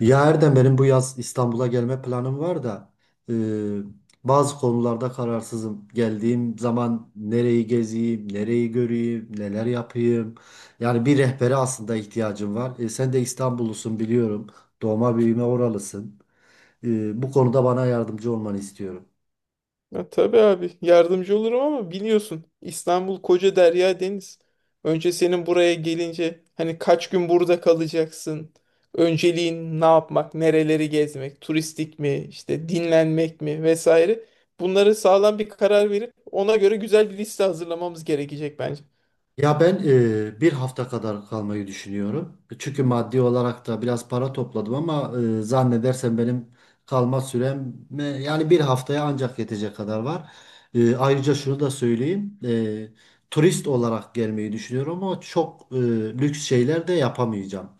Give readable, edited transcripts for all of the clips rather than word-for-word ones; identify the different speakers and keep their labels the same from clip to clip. Speaker 1: Ya Erdem benim bu yaz İstanbul'a gelme planım var da e, bazı konularda kararsızım. Geldiğim zaman nereyi gezeyim, nereyi göreyim, neler yapayım. Yani bir rehbere aslında ihtiyacım var. Sen de İstanbullusun biliyorum. Doğma büyüme oralısın. Bu konuda bana yardımcı olmanı istiyorum.
Speaker 2: Ya, tabii abi yardımcı olurum ama biliyorsun İstanbul koca derya deniz. Önce senin buraya gelince hani kaç gün burada kalacaksın? Önceliğin ne yapmak, nereleri gezmek, turistik mi, işte dinlenmek mi vesaire. Bunları sağlam bir karar verip ona göre güzel bir liste hazırlamamız gerekecek bence.
Speaker 1: Ya ben bir hafta kadar kalmayı düşünüyorum. Çünkü maddi olarak da biraz para topladım ama zannedersem benim kalma sürem yani bir haftaya ancak yetecek kadar var. Ayrıca şunu da söyleyeyim. Turist olarak gelmeyi düşünüyorum ama çok lüks şeyler de yapamayacağım.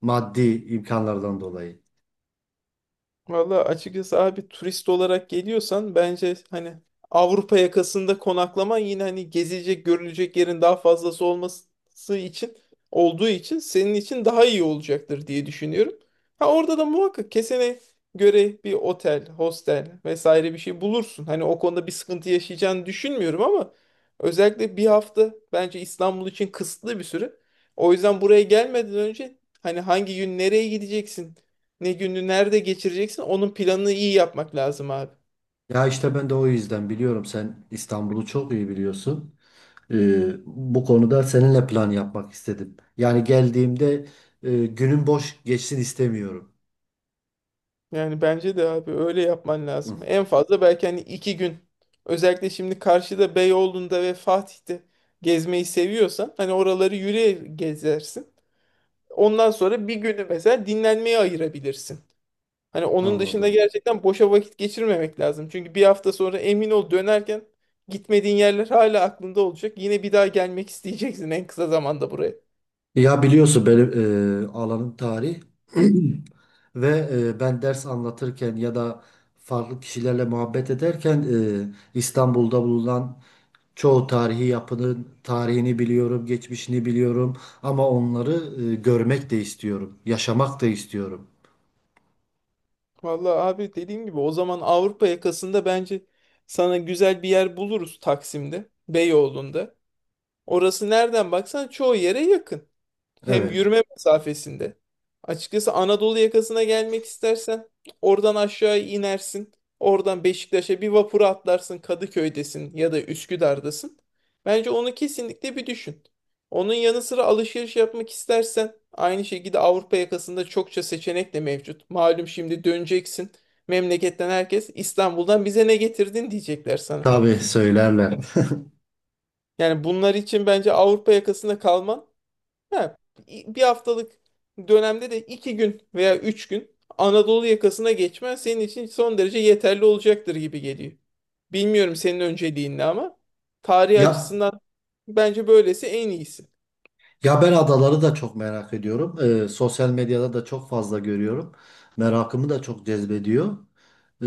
Speaker 1: Maddi imkanlardan dolayı.
Speaker 2: Valla açıkçası abi turist olarak geliyorsan bence hani Avrupa yakasında konaklaman yine hani gezilecek görülecek yerin daha fazlası olması için olduğu için senin için daha iyi olacaktır diye düşünüyorum. Ha, orada da muhakkak kesene göre bir otel, hostel vesaire bir şey bulursun. Hani o konuda bir sıkıntı yaşayacağını düşünmüyorum ama özellikle bir hafta bence İstanbul için kısıtlı bir süre. O yüzden buraya gelmeden önce hani hangi gün nereye gideceksin, ne günü nerede geçireceksin onun planını iyi yapmak lazım abi.
Speaker 1: Ya işte ben de o yüzden biliyorum, sen İstanbul'u çok iyi biliyorsun. Bu konuda seninle plan yapmak istedim. Yani geldiğimde günün boş geçsin istemiyorum.
Speaker 2: Yani bence de abi öyle yapman
Speaker 1: Hı,
Speaker 2: lazım. En fazla belki hani 2 gün. Özellikle şimdi karşıda Beyoğlu'nda ve Fatih'te gezmeyi seviyorsan hani oraları yürüye gezersin. Ondan sonra bir günü mesela dinlenmeye ayırabilirsin. Hani onun dışında
Speaker 1: anladım.
Speaker 2: gerçekten boşa vakit geçirmemek lazım. Çünkü bir hafta sonra emin ol dönerken gitmediğin yerler hala aklında olacak. Yine bir daha gelmek isteyeceksin en kısa zamanda buraya.
Speaker 1: Ya biliyorsun benim alanım tarih ve ben ders anlatırken ya da farklı kişilerle muhabbet ederken e, İstanbul'da bulunan çoğu tarihi yapının tarihini biliyorum, geçmişini biliyorum, ama onları görmek de istiyorum, yaşamak da istiyorum.
Speaker 2: Vallahi abi dediğim gibi o zaman Avrupa yakasında bence sana güzel bir yer buluruz Taksim'de, Beyoğlu'nda. Orası nereden baksan çoğu yere yakın. Hem
Speaker 1: Evet,
Speaker 2: yürüme mesafesinde. Açıkçası Anadolu yakasına gelmek istersen oradan aşağı inersin. Oradan Beşiktaş'a bir vapura atlarsın. Kadıköy'desin ya da Üsküdar'dasın. Bence onu kesinlikle bir düşün. Onun yanı sıra alışveriş yapmak istersen aynı şekilde Avrupa yakasında çokça seçenek de mevcut. Malum şimdi döneceksin. Memleketten herkes İstanbul'dan bize ne getirdin diyecekler sana.
Speaker 1: tabii söylerler.
Speaker 2: Yani bunlar için bence Avrupa yakasında kalman, ha, bir haftalık dönemde de 2 gün veya 3 gün Anadolu yakasına geçmen senin için son derece yeterli olacaktır gibi geliyor. Bilmiyorum senin önceliğin ne ama tarih
Speaker 1: Ya
Speaker 2: açısından bence böylesi en iyisi.
Speaker 1: Ya ben adaları da çok merak ediyorum. Sosyal medyada da çok fazla görüyorum. Merakımı da çok cezbediyor. Ee,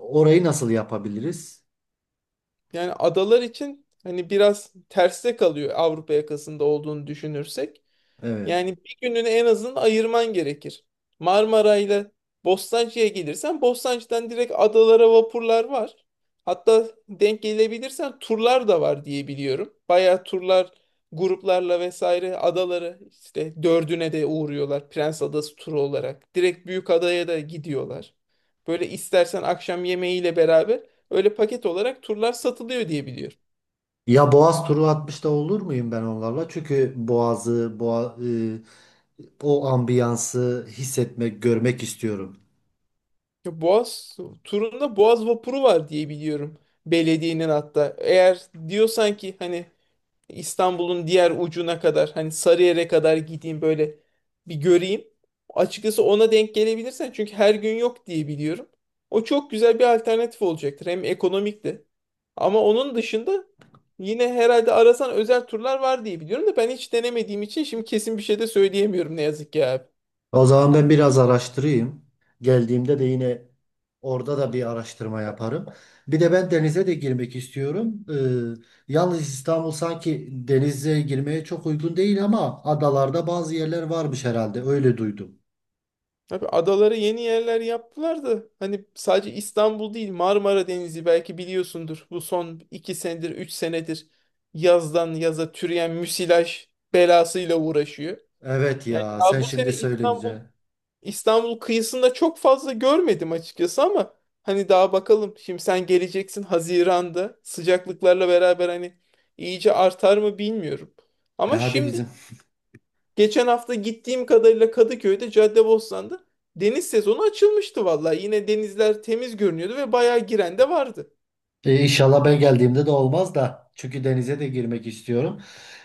Speaker 1: Orayı nasıl yapabiliriz?
Speaker 2: Yani adalar için hani biraz terste kalıyor Avrupa yakasında olduğunu düşünürsek.
Speaker 1: Evet.
Speaker 2: Yani bir gününü en azından ayırman gerekir. Marmara ile Bostancı'ya gelirsen Bostancı'dan direkt adalara vapurlar var. Hatta denk gelebilirsen turlar da var diye biliyorum. Bayağı turlar gruplarla vesaire adaları işte dördüne de uğruyorlar Prens Adası turu olarak. Direkt büyük adaya da gidiyorlar. Böyle istersen akşam yemeğiyle beraber öyle paket olarak turlar satılıyor diye biliyorum.
Speaker 1: Ya Boğaz turu atmış da olur muyum ben onlarla? Çünkü Boğaz'ı, o ambiyansı hissetmek, görmek istiyorum.
Speaker 2: Ya Boğaz turunda Boğaz vapuru var diye biliyorum. Belediyenin hatta. Eğer diyorsan ki hani İstanbul'un diğer ucuna kadar hani Sarıyer'e kadar gideyim böyle bir göreyim. Açıkçası ona denk gelebilirsen çünkü her gün yok diye biliyorum. O çok güzel bir alternatif olacaktır. Hem ekonomik de. Ama onun dışında yine herhalde arasan özel turlar var diye biliyorum da ben hiç denemediğim için şimdi kesin bir şey de söyleyemiyorum ne yazık ki abi.
Speaker 1: O zaman ben biraz araştırayım. Geldiğimde de yine orada da bir araştırma yaparım. Bir de ben denize de girmek istiyorum. Yalnız İstanbul sanki denize girmeye çok uygun değil ama adalarda bazı yerler varmış herhalde. Öyle duydum.
Speaker 2: Abi adalara yeni yerler yaptılar da hani sadece İstanbul değil Marmara Denizi belki biliyorsundur. Bu son 2 senedir 3 senedir yazdan yaza türeyen müsilaj belasıyla uğraşıyor.
Speaker 1: Evet
Speaker 2: Yani
Speaker 1: ya,
Speaker 2: daha
Speaker 1: sen
Speaker 2: bu
Speaker 1: şimdi
Speaker 2: sene İstanbul
Speaker 1: söyleyince.
Speaker 2: İstanbul kıyısında çok fazla görmedim açıkçası ama hani daha bakalım. Şimdi sen geleceksin Haziran'da sıcaklıklarla beraber hani iyice artar mı bilmiyorum.
Speaker 1: E
Speaker 2: Ama
Speaker 1: hadi
Speaker 2: şimdi
Speaker 1: bizim.
Speaker 2: geçen hafta gittiğim kadarıyla Kadıköy'de Caddebostan'da deniz sezonu açılmıştı vallahi. Yine denizler temiz görünüyordu ve bayağı giren de vardı.
Speaker 1: İnşallah ben geldiğimde de olmaz da. Çünkü denize de girmek istiyorum.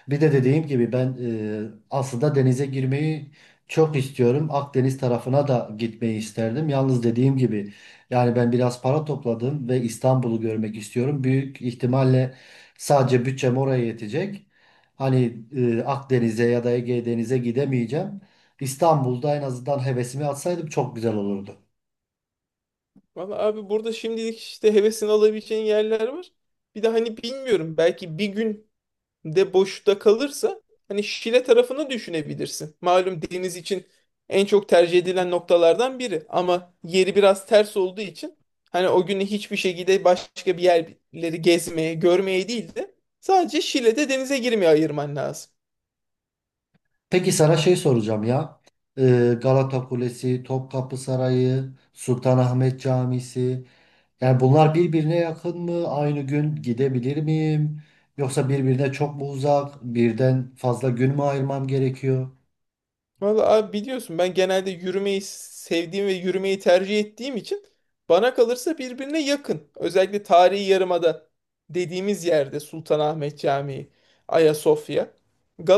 Speaker 1: Bir de dediğim gibi ben aslında denize girmeyi çok istiyorum. Akdeniz tarafına da gitmeyi isterdim. Yalnız dediğim gibi yani ben biraz para topladım ve İstanbul'u görmek istiyorum. Büyük ihtimalle sadece bütçem oraya yetecek. Hani Akdeniz'e ya da Ege Deniz'e gidemeyeceğim. İstanbul'da en azından hevesimi atsaydım çok güzel olurdu.
Speaker 2: Vallahi abi burada şimdilik işte hevesini alabileceğin yerler var. Bir de hani bilmiyorum belki bir gün de boşta kalırsa hani Şile tarafını düşünebilirsin. Malum deniz için en çok tercih edilen noktalardan biri ama yeri biraz ters olduğu için hani o günü hiçbir şekilde başka bir yerleri gezmeye, görmeye değil de sadece Şile'de denize girmeye ayırman lazım.
Speaker 1: Peki sana şey soracağım ya. Galata Kulesi, Topkapı Sarayı, Sultanahmet Camisi. Yani bunlar birbirine yakın mı? Aynı gün gidebilir miyim? Yoksa birbirine çok mu uzak? Birden fazla gün mü ayırmam gerekiyor?
Speaker 2: Vallahi abi biliyorsun ben genelde yürümeyi sevdiğim ve yürümeyi tercih ettiğim için bana kalırsa birbirine yakın. Özellikle tarihi yarımada dediğimiz yerde Sultanahmet Camii, Ayasofya,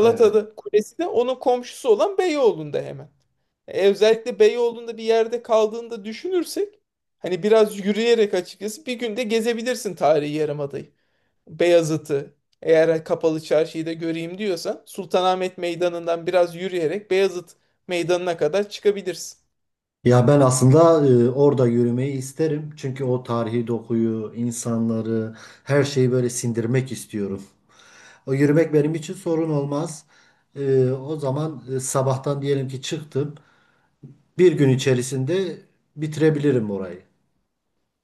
Speaker 1: Evet.
Speaker 2: Kulesi de onun komşusu olan Beyoğlu'nda hemen. Özellikle Beyoğlu'nda bir yerde kaldığında düşünürsek hani biraz yürüyerek açıkçası bir günde gezebilirsin tarihi yarımadayı. Beyazıt'ı eğer kapalı çarşıyı da göreyim diyorsan Sultanahmet Meydanı'ndan biraz yürüyerek Beyazıt Meydanı'na kadar çıkabilirsin.
Speaker 1: Ya ben aslında orada yürümeyi isterim. Çünkü o tarihi dokuyu, insanları, her şeyi böyle sindirmek istiyorum. O yürümek benim için sorun olmaz. O zaman sabahtan diyelim ki çıktım. Bir gün içerisinde bitirebilirim orayı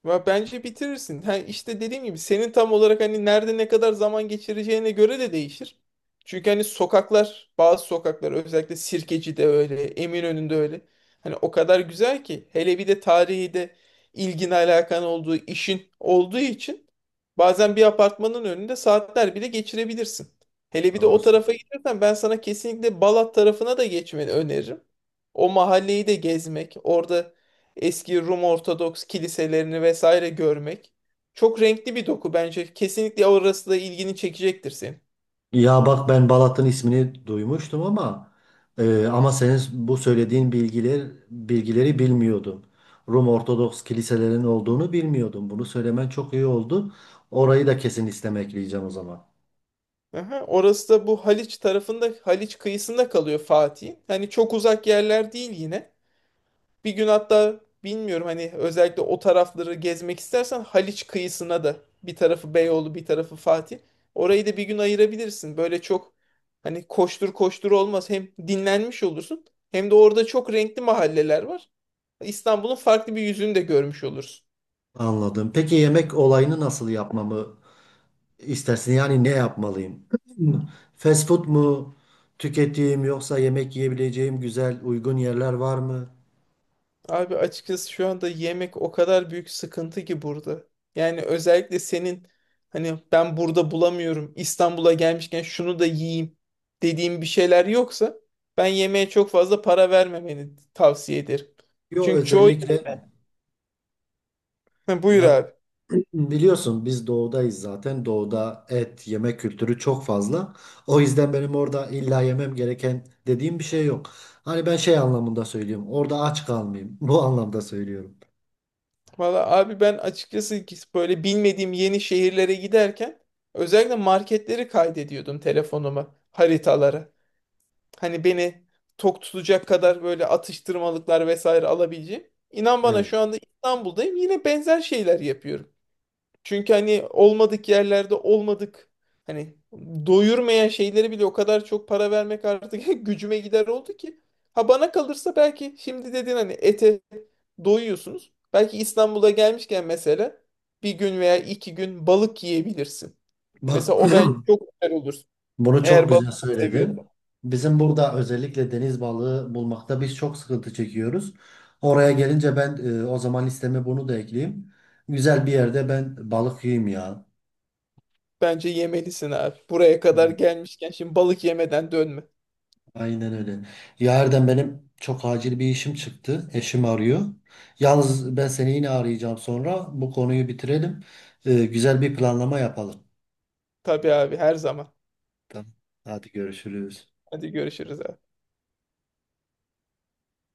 Speaker 2: Ve bence bitirirsin. Ha, işte dediğim gibi senin tam olarak hani nerede ne kadar zaman geçireceğine göre de değişir. Çünkü hani sokaklar, bazı sokaklar özellikle Sirkeci'de öyle, Eminönü'nde öyle. Hani o kadar güzel ki hele bir de tarihi de ilgin alakan olduğu işin olduğu için bazen bir apartmanın önünde saatler bile geçirebilirsin. Hele bir de o
Speaker 1: doğrusu.
Speaker 2: tarafa gidiyorsan ben sana kesinlikle Balat tarafına da geçmeni öneririm. O mahalleyi de gezmek, orada eski Rum Ortodoks kiliselerini vesaire görmek. Çok renkli bir doku bence. Kesinlikle orası da ilgini çekecektir senin.
Speaker 1: Ya bak, ben Balat'ın ismini duymuştum ama ama senin bu söylediğin bilgileri bilmiyordum. Rum Ortodoks kiliselerinin olduğunu bilmiyordum. Bunu söylemen çok iyi oldu. Orayı da kesin istemekleyeceğim o zaman.
Speaker 2: Aha, orası da bu Haliç tarafında, Haliç kıyısında kalıyor Fatih'in. Hani çok uzak yerler değil yine. Bir gün hatta bilmiyorum hani özellikle o tarafları gezmek istersen Haliç kıyısına da bir tarafı Beyoğlu bir tarafı Fatih. Orayı da bir gün ayırabilirsin. Böyle çok hani koştur koştur olmaz. Hem dinlenmiş olursun hem de orada çok renkli mahalleler var. İstanbul'un farklı bir yüzünü de görmüş olursun.
Speaker 1: Anladım. Peki yemek olayını nasıl yapmamı istersin? Yani ne yapmalıyım? Fast food mu tüketeyim, yoksa yemek yiyebileceğim güzel uygun yerler var mı?
Speaker 2: Abi açıkçası şu anda yemek o kadar büyük sıkıntı ki burada. Yani özellikle senin hani ben burada bulamıyorum İstanbul'a gelmişken şunu da yiyeyim dediğim bir şeyler yoksa ben yemeğe çok fazla para vermemeni tavsiye ederim.
Speaker 1: Yok
Speaker 2: Çünkü çoğu.
Speaker 1: özellikle.
Speaker 2: Evet. Ha, buyur
Speaker 1: Ya
Speaker 2: abi.
Speaker 1: biliyorsun, biz doğudayız zaten. Doğuda et, yemek kültürü çok fazla. O yüzden benim orada illa yemem gereken dediğim bir şey yok. Hani ben şey anlamında söylüyorum. Orada aç kalmayayım. Bu anlamda söylüyorum.
Speaker 2: Valla abi ben açıkçası ki böyle bilmediğim yeni şehirlere giderken özellikle marketleri kaydediyordum telefonuma haritalara. Hani beni tok tutacak kadar böyle atıştırmalıklar vesaire alabileceğim. İnan bana
Speaker 1: Evet.
Speaker 2: şu anda İstanbul'dayım yine benzer şeyler yapıyorum. Çünkü hani olmadık yerlerde olmadık hani doyurmayan şeyleri bile o kadar çok para vermek artık gücüme gider oldu ki. Ha, bana kalırsa belki şimdi dedin hani ete doyuyorsunuz. Belki İstanbul'a gelmişken mesela bir gün veya 2 gün balık yiyebilirsin.
Speaker 1: Bak,
Speaker 2: Mesela o bence çok güzel olur.
Speaker 1: bunu çok
Speaker 2: Eğer balık
Speaker 1: güzel
Speaker 2: seviyorsan.
Speaker 1: söyledin. Bizim burada özellikle deniz balığı bulmakta biz çok sıkıntı çekiyoruz. Oraya gelince ben o zaman listeme bunu da ekleyeyim. Güzel bir yerde ben balık yiyeyim ya.
Speaker 2: Bence yemelisin abi. Buraya kadar gelmişken şimdi balık yemeden dönme.
Speaker 1: Aynen öyle. Ya benim çok acil bir işim çıktı. Eşim arıyor. Yalnız ben seni yine arayacağım sonra. Bu konuyu bitirelim. Güzel bir planlama yapalım.
Speaker 2: Tabii abi her zaman.
Speaker 1: Tamam. Hadi görüşürüz.
Speaker 2: Hadi görüşürüz abi.